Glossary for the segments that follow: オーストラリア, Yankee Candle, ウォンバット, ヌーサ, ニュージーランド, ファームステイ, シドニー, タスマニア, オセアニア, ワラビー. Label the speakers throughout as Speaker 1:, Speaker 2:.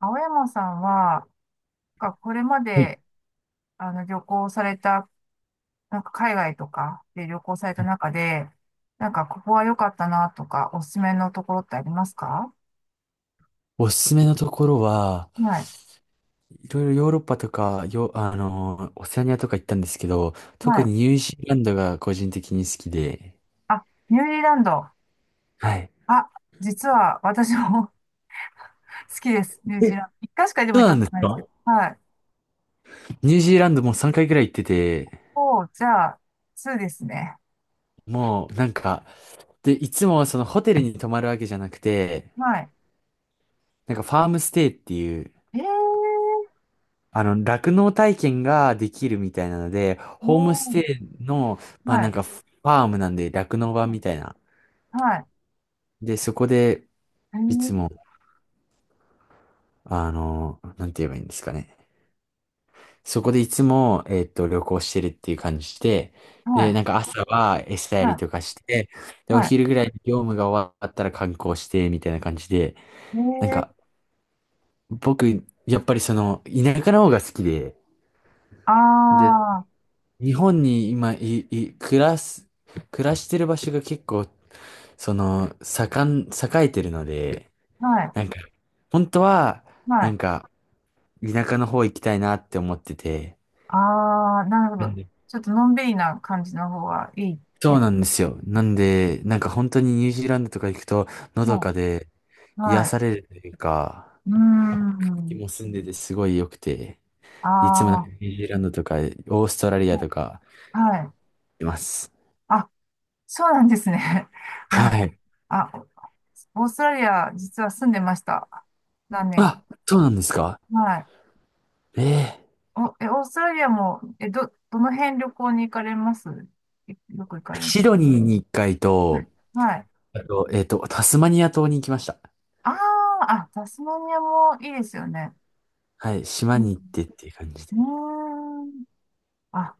Speaker 1: 青山さんは、これま
Speaker 2: はい。
Speaker 1: で、旅行された、なんか海外とかで旅行された中で、なんかここは良かったなとか、おすすめのところってありますか？
Speaker 2: おすすめのところは、
Speaker 1: はい。
Speaker 2: いろいろヨーロッパとか、よ、あのー、オセアニアとか行ったんですけど、
Speaker 1: は
Speaker 2: 特
Speaker 1: い。
Speaker 2: にニュージーランドが個人的に好きで、
Speaker 1: あ、ニュージーランド。
Speaker 2: はい。
Speaker 1: あ、実は私も 好きです。ニュージ
Speaker 2: え、
Speaker 1: ーランド。一回しかでも
Speaker 2: そ
Speaker 1: 行っ
Speaker 2: うな
Speaker 1: た
Speaker 2: ん
Speaker 1: こ
Speaker 2: です
Speaker 1: とないですけ
Speaker 2: か。
Speaker 1: ど。はい。
Speaker 2: ニュージーランドもう3回くらい行ってて、
Speaker 1: お、じゃあ、2ですね。
Speaker 2: もうなんか、で、いつもそのホテルに泊まるわけじゃなくて、
Speaker 1: はい。
Speaker 2: なんかファームステイっていう、
Speaker 1: えー、
Speaker 2: 酪農体験ができるみたいなので、
Speaker 1: お
Speaker 2: ホームス
Speaker 1: ー、
Speaker 2: テイの、まあ
Speaker 1: は
Speaker 2: なん
Speaker 1: い。
Speaker 2: かファームなんで酪農場みたいな。
Speaker 1: はい。
Speaker 2: で、そこで、
Speaker 1: え
Speaker 2: い
Speaker 1: ー、
Speaker 2: つもなんて言えばいいんですかね。そこでいつも、旅行してるっていう感じで、
Speaker 1: は
Speaker 2: で、
Speaker 1: い。
Speaker 2: なんか朝は餌や
Speaker 1: は
Speaker 2: り
Speaker 1: い。
Speaker 2: とかして、で、お
Speaker 1: はい。
Speaker 2: 昼ぐらいに業務が終わったら観光して、みたいな感じで、
Speaker 1: え
Speaker 2: なん
Speaker 1: ー、
Speaker 2: か、僕、やっぱりその、田舎の方が好きで、で、
Speaker 1: あー。
Speaker 2: 日本に今、い、い、暮らす、暮らしてる場所が結構、その、栄えてるので、
Speaker 1: はい。
Speaker 2: なんか、本当は、
Speaker 1: は
Speaker 2: なん
Speaker 1: い。
Speaker 2: か、田舎の方行きたいなって思ってて、
Speaker 1: ああ、なるほど。ちょっとのんびりな感じの方がいいっ
Speaker 2: そう
Speaker 1: て。
Speaker 2: なんですよ。なんで、なんか本当にニュージーランドとか行くと、のど
Speaker 1: は
Speaker 2: かで
Speaker 1: い。
Speaker 2: 癒
Speaker 1: は
Speaker 2: されるというか、
Speaker 1: い。うー
Speaker 2: 気
Speaker 1: ん。
Speaker 2: も澄んでてすごい良くて、いつもなんかニ
Speaker 1: あ
Speaker 2: ュージーランドとか、オーストラリアとか
Speaker 1: あ、はい。
Speaker 2: います。
Speaker 1: あ、そうなんですね。
Speaker 2: は
Speaker 1: あ、
Speaker 2: い。
Speaker 1: あ、オーストラリア、実は住んでました。何年か。
Speaker 2: あ、そうなんですか。
Speaker 1: はい。
Speaker 2: ええ、
Speaker 1: お、え、オーストラリアも、え、ど、どの辺旅行に行かれます、いよく行かれる？
Speaker 2: シドニーに一回
Speaker 1: うん、
Speaker 2: と、
Speaker 1: はい。
Speaker 2: あと、タスマニア島に行きました。
Speaker 1: ああ、あ、タスマニアもいいですよね。
Speaker 2: はい。島
Speaker 1: うん。
Speaker 2: に行ってっていう感じで。
Speaker 1: うーん。あ、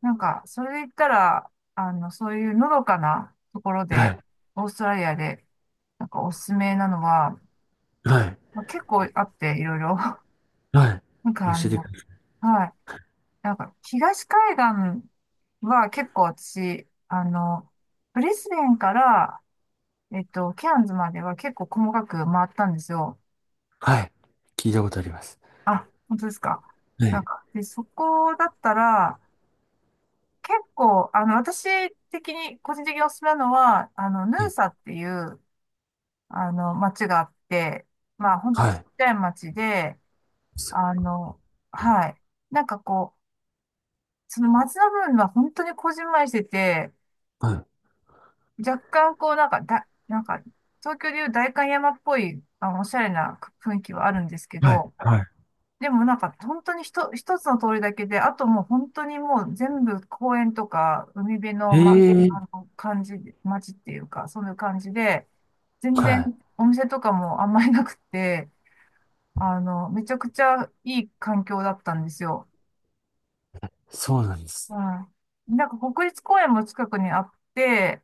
Speaker 1: それで言ったら、そういうのどかなところ
Speaker 2: は
Speaker 1: で、
Speaker 2: い。
Speaker 1: オーストラリアで、なんかおすすめなのは、
Speaker 2: はい。
Speaker 1: まあ、結構あって、いろいろ。
Speaker 2: はい。
Speaker 1: なんか
Speaker 2: 教
Speaker 1: あ
Speaker 2: えてく
Speaker 1: の、
Speaker 2: だ
Speaker 1: はい。なんか、東海岸は結構私、ブリスベンから、えっと、ケアンズまでは結構細かく回ったんですよ。
Speaker 2: さい。はい。聞いたことあります。
Speaker 1: あ、本当ですか？
Speaker 2: はい。
Speaker 1: そこだったら、結構、私的に、個人的におすすめなのは、あの、ヌ
Speaker 2: は
Speaker 1: ー
Speaker 2: い。
Speaker 1: サっていう、あの、町があって、まあ、ほんと
Speaker 2: は
Speaker 1: ちっ
Speaker 2: い。
Speaker 1: ちゃい町で、
Speaker 2: そ
Speaker 1: あの、はい。なんかこう、その町の部分は本当にこじんまりしてて、
Speaker 2: う、はい。
Speaker 1: 若干こう、なんか、だ、なんか、東京でいう代官山っぽい、あの、おしゃれな雰囲気はあるんですけ
Speaker 2: はい。
Speaker 1: ど、
Speaker 2: はい、
Speaker 1: でもなんか、本当に一つの通りだけで、あともう本当にもう全部公園とか、海辺の、ま、あ
Speaker 2: ええ、
Speaker 1: の、感じ、町っていうか、そういう感じで、全
Speaker 2: は
Speaker 1: 然
Speaker 2: い。
Speaker 1: お店とかもあんまりなくて、あの、めちゃくちゃいい環境だったんですよ。
Speaker 2: そうなんです。
Speaker 1: はい。なんか国立公園も近くにあって、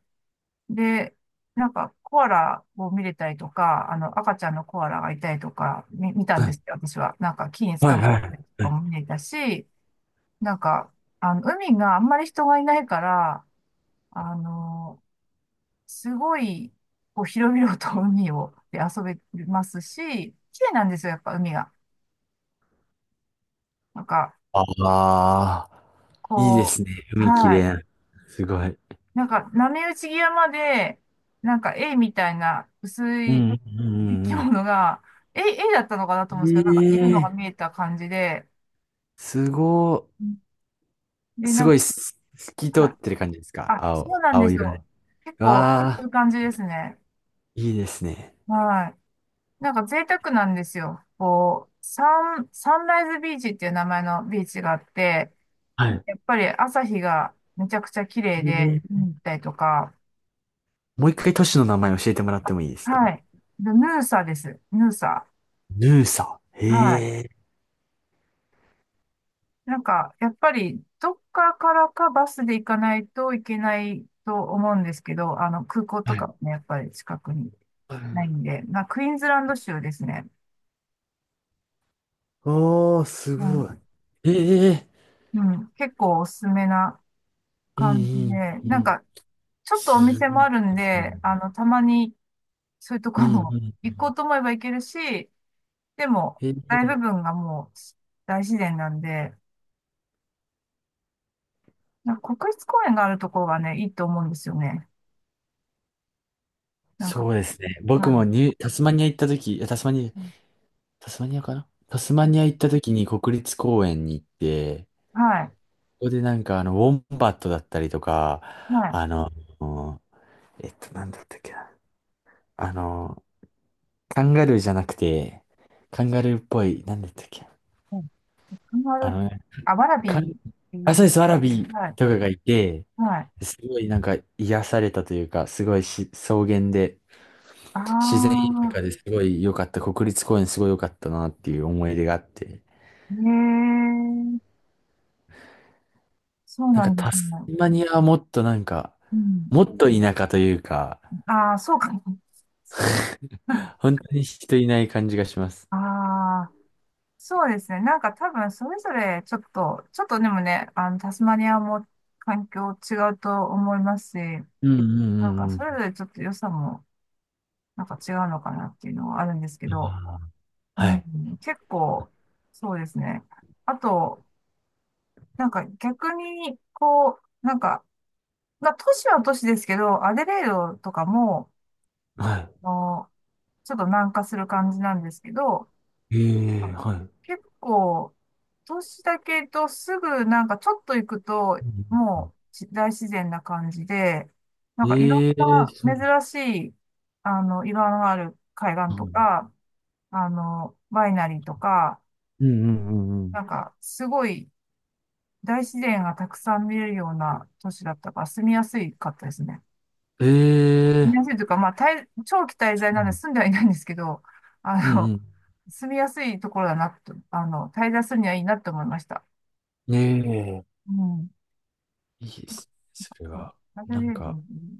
Speaker 1: で、なんかコアラを見れたりとか、あの、赤ちゃんのコアラがいたりとか、見た
Speaker 2: は
Speaker 1: んで
Speaker 2: い。
Speaker 1: すよ、私は。なんか木に捕
Speaker 2: はい、
Speaker 1: まっ
Speaker 2: は
Speaker 1: たりと
Speaker 2: い。
Speaker 1: かも見れたし、なんか、あの、海があんまり人がいないから、あの、すごい、こう、広々と海を、で遊べますし、綺麗なんですよ、やっぱ海が。なんか、
Speaker 2: ああ、いいで
Speaker 1: こ
Speaker 2: すね。
Speaker 1: う、
Speaker 2: 海き
Speaker 1: は
Speaker 2: れ
Speaker 1: い。
Speaker 2: い。すごい。
Speaker 1: なんか、波打ち際まで、なんか、絵みたいな薄
Speaker 2: う
Speaker 1: い
Speaker 2: ん、う
Speaker 1: 生
Speaker 2: ん、う
Speaker 1: き
Speaker 2: ん、
Speaker 1: 物が、絵だったのかなと思うん
Speaker 2: う
Speaker 1: ですけど、なんか、いるのが
Speaker 2: ん。え
Speaker 1: 見
Speaker 2: え、
Speaker 1: えた感じで、
Speaker 2: すご
Speaker 1: うん、
Speaker 2: い、
Speaker 1: で、
Speaker 2: す
Speaker 1: な
Speaker 2: ご
Speaker 1: ん
Speaker 2: いす、透き通っ
Speaker 1: か、
Speaker 2: てる感じですか？
Speaker 1: あ、
Speaker 2: 青、
Speaker 1: そうなんで
Speaker 2: 青
Speaker 1: す
Speaker 2: 色で。
Speaker 1: よ。結構、こ
Speaker 2: わ
Speaker 1: う
Speaker 2: あ、
Speaker 1: いう感じですね。
Speaker 2: いいですね。
Speaker 1: はい。なんか、贅沢なんですよ。こう、サンライズビーチっていう名前のビーチがあって、
Speaker 2: はい。
Speaker 1: やっぱり朝日がめちゃくちゃ綺麗
Speaker 2: え
Speaker 1: で、見
Speaker 2: え、
Speaker 1: に行ったりとか、
Speaker 2: もう一回都市の名前教えてもらってもいいですか？
Speaker 1: はい。でヌーサです。ヌーサ。
Speaker 2: ヌーサ。へ
Speaker 1: はい。
Speaker 2: え。
Speaker 1: なんか、やっぱり、どっかからかバスで行かないといけないと思うんですけど、あの、空港
Speaker 2: は
Speaker 1: とか
Speaker 2: い。
Speaker 1: もね、やっぱり近くにないんで、まあクイーンズランド州ですね。
Speaker 2: おー、す
Speaker 1: う
Speaker 2: ごい。
Speaker 1: ん、
Speaker 2: ええ、
Speaker 1: うん、結構おすすめな
Speaker 2: いい、
Speaker 1: 感じで、
Speaker 2: いい、
Speaker 1: なん
Speaker 2: いい。
Speaker 1: か、ちょっとお
Speaker 2: す
Speaker 1: 店
Speaker 2: ご
Speaker 1: もあるん
Speaker 2: い。
Speaker 1: で、あの、たまにそういうと
Speaker 2: う
Speaker 1: こ
Speaker 2: んう
Speaker 1: も 行
Speaker 2: ん。
Speaker 1: こうと思えば行けるし、でも、
Speaker 2: へ
Speaker 1: 大部
Speaker 2: え、
Speaker 1: 分がもう大自然なんで、なんか国立公園があるところがね、いいと思うんですよね。なんか、
Speaker 2: そうですね。僕
Speaker 1: は
Speaker 2: も
Speaker 1: い。
Speaker 2: ニュー、タスマニア行った時、
Speaker 1: うん、
Speaker 2: タスマニア行った時に国立公園に行って、
Speaker 1: はい。
Speaker 2: ここでなんかあの、ウォンバットだったりとか、
Speaker 1: はい。
Speaker 2: あの、なんだったっけな。あの、カンガルーじゃなくて、カンガルーっぽい、なんだったっけな。
Speaker 1: うん。カンガ
Speaker 2: あ
Speaker 1: ルー、
Speaker 2: の、
Speaker 1: あ、ワラビ
Speaker 2: カ
Speaker 1: ー。
Speaker 2: ン、
Speaker 1: え
Speaker 2: あ、そう
Speaker 1: ー、
Speaker 2: です、ワラビー
Speaker 1: はい。
Speaker 2: とかがいて、
Speaker 1: はい。
Speaker 2: すごいなんか癒されたというか、すごいし草原で、
Speaker 1: あ
Speaker 2: 自然豊
Speaker 1: あ、
Speaker 2: かですごい良かった、国立公園すごい良かったなっていう思い出があって、
Speaker 1: ええ、そう
Speaker 2: なん
Speaker 1: な
Speaker 2: か
Speaker 1: んで
Speaker 2: タ
Speaker 1: すね。
Speaker 2: スマニアはもっとなんか、
Speaker 1: うん。
Speaker 2: もっと田舎というか、
Speaker 1: ああ、そうか。
Speaker 2: 本当に人いない感じがします。
Speaker 1: ああ、そうですね。なんか多分それぞれちょっとでもね、あの、タスマニアも環境違うと思いますし、
Speaker 2: うんうんう
Speaker 1: なんか
Speaker 2: んう
Speaker 1: それぞ
Speaker 2: ん。
Speaker 1: れちょっと良さもなんか違うのかなっていうのはあるんですけど、う
Speaker 2: はい。
Speaker 1: ん、結構、そうですね。あと、なんか逆に、こう、なんか、まあ、都市は都市ですけど、アデレードとかも、
Speaker 2: は
Speaker 1: あの、ちょっと南下する感じなんですけど、
Speaker 2: い。ええ、
Speaker 1: あ、
Speaker 2: はい。うん
Speaker 1: 結構、都市だけどすぐなんかちょっと行くと、
Speaker 2: うんうん、
Speaker 1: もうち大自然な感じで、なんかいろん
Speaker 2: ええ、そう
Speaker 1: な珍しい、あの、岩のある海岸
Speaker 2: なん
Speaker 1: と
Speaker 2: だ。
Speaker 1: か、あの、ワイナリーとか、
Speaker 2: うんうんうんうん。
Speaker 1: なんかすごい大自然がたくさん見れるような都市だったから住みやすいかったですね。
Speaker 2: え
Speaker 1: 住みやす
Speaker 2: え、
Speaker 1: いというか、まあ、滞長期滞在なんで住んではいないんですけど、
Speaker 2: うん
Speaker 1: あの、
Speaker 2: うん
Speaker 1: 住みやすいところだなと、あの、滞在するにはいいなと思いました。
Speaker 2: うん。ええ、
Speaker 1: うん。
Speaker 2: いいですね、それ
Speaker 1: そう。
Speaker 2: は。
Speaker 1: ナルェ
Speaker 2: な
Speaker 1: リ
Speaker 2: ん
Speaker 1: ア人
Speaker 2: か、
Speaker 1: に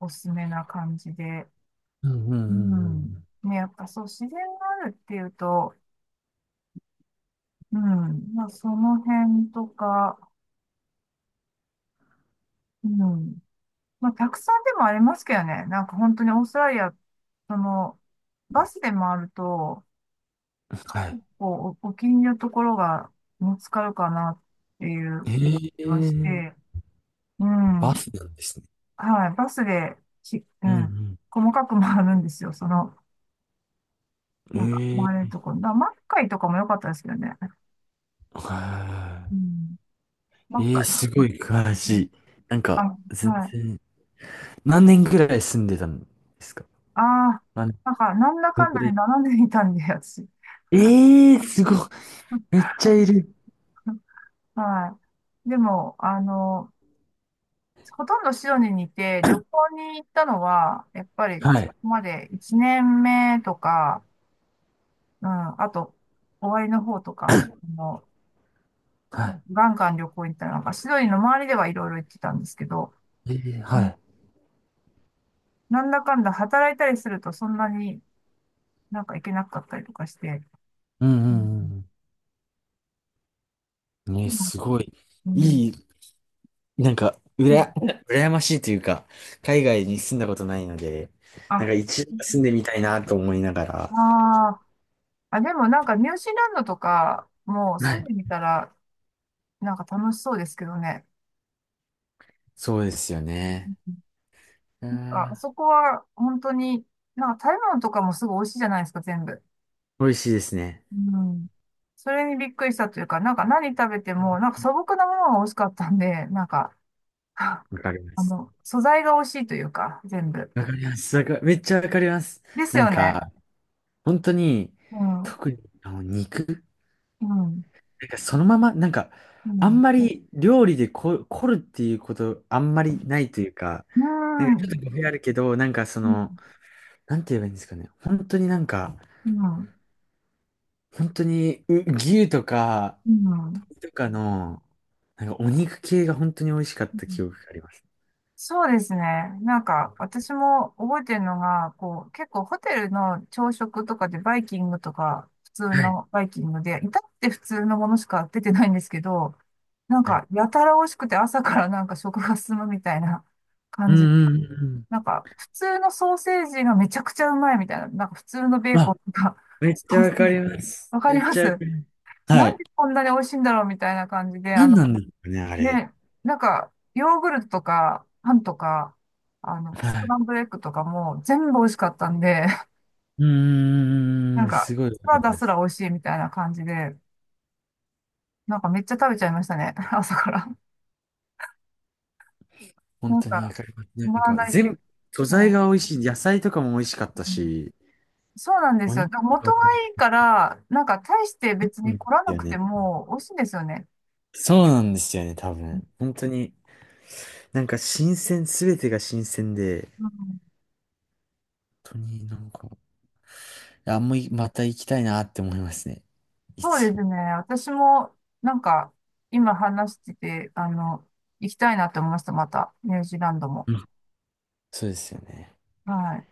Speaker 1: おすすめな感じで。
Speaker 2: うんうんう
Speaker 1: う
Speaker 2: んう
Speaker 1: ん。
Speaker 2: ん。
Speaker 1: ね、やっぱそう、自然があるっていうと、うん。まあ、その辺とか、うん。まあ、客さんでもありますけどね。なんか本当にオーストラリア、その、バスで回ると、
Speaker 2: はい。
Speaker 1: こう、お気に入りのところが見つかるかなっていう
Speaker 2: え
Speaker 1: 気
Speaker 2: え、
Speaker 1: がして、う
Speaker 2: バ
Speaker 1: ん。
Speaker 2: スなんですね。
Speaker 1: はい。バスで、し、う
Speaker 2: う
Speaker 1: ん。
Speaker 2: ん
Speaker 1: 細かく回るんですよ。その、なんか
Speaker 2: うん。
Speaker 1: 回れ
Speaker 2: え
Speaker 1: る
Speaker 2: え、
Speaker 1: ところ。だからマッカイとかも良かったですけどね。
Speaker 2: は
Speaker 1: うん。マ
Speaker 2: ー
Speaker 1: ッ
Speaker 2: い。え
Speaker 1: カ
Speaker 2: え、
Speaker 1: イ。
Speaker 2: すごい詳
Speaker 1: うん、
Speaker 2: しい。なん
Speaker 1: あ、
Speaker 2: か、全
Speaker 1: はい。
Speaker 2: 然、何年ぐらい住んでたんですか？
Speaker 1: ああ、
Speaker 2: 何
Speaker 1: なんか、なんだ
Speaker 2: 年
Speaker 1: かん
Speaker 2: ぐ
Speaker 1: だ
Speaker 2: ら
Speaker 1: で
Speaker 2: い。
Speaker 1: 並んでいたんで、私。
Speaker 2: ええ、すごい。めっちゃいる。
Speaker 1: はい。でも、あの、ほとんどシドニーにいて、旅 行に行ったのは、やっぱり、
Speaker 2: は
Speaker 1: そ
Speaker 2: い。
Speaker 1: こまで1年目とか、うん、あと、終わりの方とか、あの、
Speaker 2: は
Speaker 1: ガンガン旅行に行ったりなんか、シドニーの周りではいろいろ行ってたんですけど、
Speaker 2: い。ええ、
Speaker 1: う
Speaker 2: は
Speaker 1: ん、
Speaker 2: い。
Speaker 1: なんだかんだ働いたりするとそんなになんか行けなかったりとかして、
Speaker 2: うん
Speaker 1: うん、
Speaker 2: うんうん。ね、
Speaker 1: でも、
Speaker 2: すごい。
Speaker 1: うん、
Speaker 2: いい、なんか、
Speaker 1: うん、
Speaker 2: 羨ましいというか、海外に住んだことないので、な
Speaker 1: あ、
Speaker 2: んか一度は住んでみたいなと思いなが
Speaker 1: あ
Speaker 2: ら。
Speaker 1: ー、あ、でもなんかニュージーランドとかもう
Speaker 2: は
Speaker 1: 住ん
Speaker 2: い。
Speaker 1: でみたらなんか楽しそうですけどね。
Speaker 2: そうですよね。あ
Speaker 1: あ、あ
Speaker 2: ー、
Speaker 1: そこは本当に、なんか食べ物とかもすぐ美味しいじゃないですか、全部。
Speaker 2: 美味しいですね。
Speaker 1: うん。それにびっくりしたというか、なんか何食べても、なんか素朴なものが美味しかったんで、なんか、
Speaker 2: わかりま
Speaker 1: あ
Speaker 2: す。
Speaker 1: の、素材が美味しいというか、全部。
Speaker 2: わかります。わか、めっちゃわかります。
Speaker 1: です
Speaker 2: なん
Speaker 1: よね。
Speaker 2: か、本当に、
Speaker 1: うん。う
Speaker 2: 特にあの肉、
Speaker 1: ん。
Speaker 2: なんかそのまま、なんか、
Speaker 1: う
Speaker 2: あん
Speaker 1: ん。
Speaker 2: まり料理で凝るっていうこと、あんまりないというか、
Speaker 1: う
Speaker 2: なんかちょっ
Speaker 1: ん。
Speaker 2: と語弊あるけど、なんかそ
Speaker 1: うん。
Speaker 2: の、なんて言えばいいんですかね。本当になんか、
Speaker 1: うん。
Speaker 2: 本当にう牛とか、
Speaker 1: うん。
Speaker 2: 鶏とかの、なんかお肉系が本当に美味しかっ
Speaker 1: う
Speaker 2: た
Speaker 1: ん、
Speaker 2: 記憶があります。
Speaker 1: そうですね。なんか、私も覚えてるのが、こう、結構ホテルの朝食とかでバイキングとか、普通
Speaker 2: はい。
Speaker 1: のバイキングで、至って普通のものしか出てないんですけど、なん
Speaker 2: はい。
Speaker 1: か、やたら美味しくて朝からなんか食が進むみたいな
Speaker 2: う
Speaker 1: 感じで、
Speaker 2: んうんうんうん。
Speaker 1: なんか、普通のソーセージがめちゃくちゃうまいみたいな、なんか普通のベーコ
Speaker 2: あ、
Speaker 1: ンとか、
Speaker 2: め っ
Speaker 1: ソ
Speaker 2: ちゃ
Speaker 1: ー
Speaker 2: わ
Speaker 1: セー
Speaker 2: か
Speaker 1: ジ
Speaker 2: ります。
Speaker 1: わか
Speaker 2: め
Speaker 1: り
Speaker 2: っ
Speaker 1: ま
Speaker 2: ちゃわか
Speaker 1: す。
Speaker 2: ります。は
Speaker 1: なん
Speaker 2: い。
Speaker 1: でこんなに美味しいんだろうみたいな感じで、あ、
Speaker 2: 何なんですかね、あれ。
Speaker 1: ね、なんか、ヨーグルトとか、パンとか、あの、
Speaker 2: は
Speaker 1: スクラ
Speaker 2: い。
Speaker 1: ンブルエッグとかも全部美味しかったんで、
Speaker 2: う
Speaker 1: な
Speaker 2: ー
Speaker 1: んん。
Speaker 2: ん、
Speaker 1: か、
Speaker 2: すごいわ
Speaker 1: サ
Speaker 2: か
Speaker 1: ラ
Speaker 2: り
Speaker 1: ダ
Speaker 2: ま
Speaker 1: す
Speaker 2: す。
Speaker 1: ら美味しいみたいな感じで、なんかめっちゃ食べちゃいましたね、朝から。
Speaker 2: 本
Speaker 1: なん
Speaker 2: 当にわ
Speaker 1: か、
Speaker 2: かります。な
Speaker 1: 止
Speaker 2: ん
Speaker 1: まら
Speaker 2: か、
Speaker 1: ないっ
Speaker 2: 全
Speaker 1: て、
Speaker 2: 部、素
Speaker 1: う
Speaker 2: 材
Speaker 1: ん、
Speaker 2: が美味しい。野菜とかも美味しかった
Speaker 1: うん、
Speaker 2: し、
Speaker 1: そうなんで
Speaker 2: お
Speaker 1: すよ。だ
Speaker 2: 肉
Speaker 1: から元
Speaker 2: も
Speaker 1: が
Speaker 2: 美味し
Speaker 1: いい
Speaker 2: い
Speaker 1: から、なんか大して別
Speaker 2: ん
Speaker 1: に
Speaker 2: で
Speaker 1: 凝ら
Speaker 2: す
Speaker 1: な
Speaker 2: よ
Speaker 1: くて
Speaker 2: ね。
Speaker 1: も美味しいんですよね。
Speaker 2: そうなんですよね、多分。本当に、なんか新鮮、すべてが新鮮で、
Speaker 1: うん、
Speaker 2: 本当になんか、あんまりまた行きたいなって思いますね。い
Speaker 1: そうで
Speaker 2: つも。
Speaker 1: すね。私も、なんか、今話してて、あの、行きたいなって思いました、また、ニュージーランドも。
Speaker 2: うん、そうですよね。
Speaker 1: はい。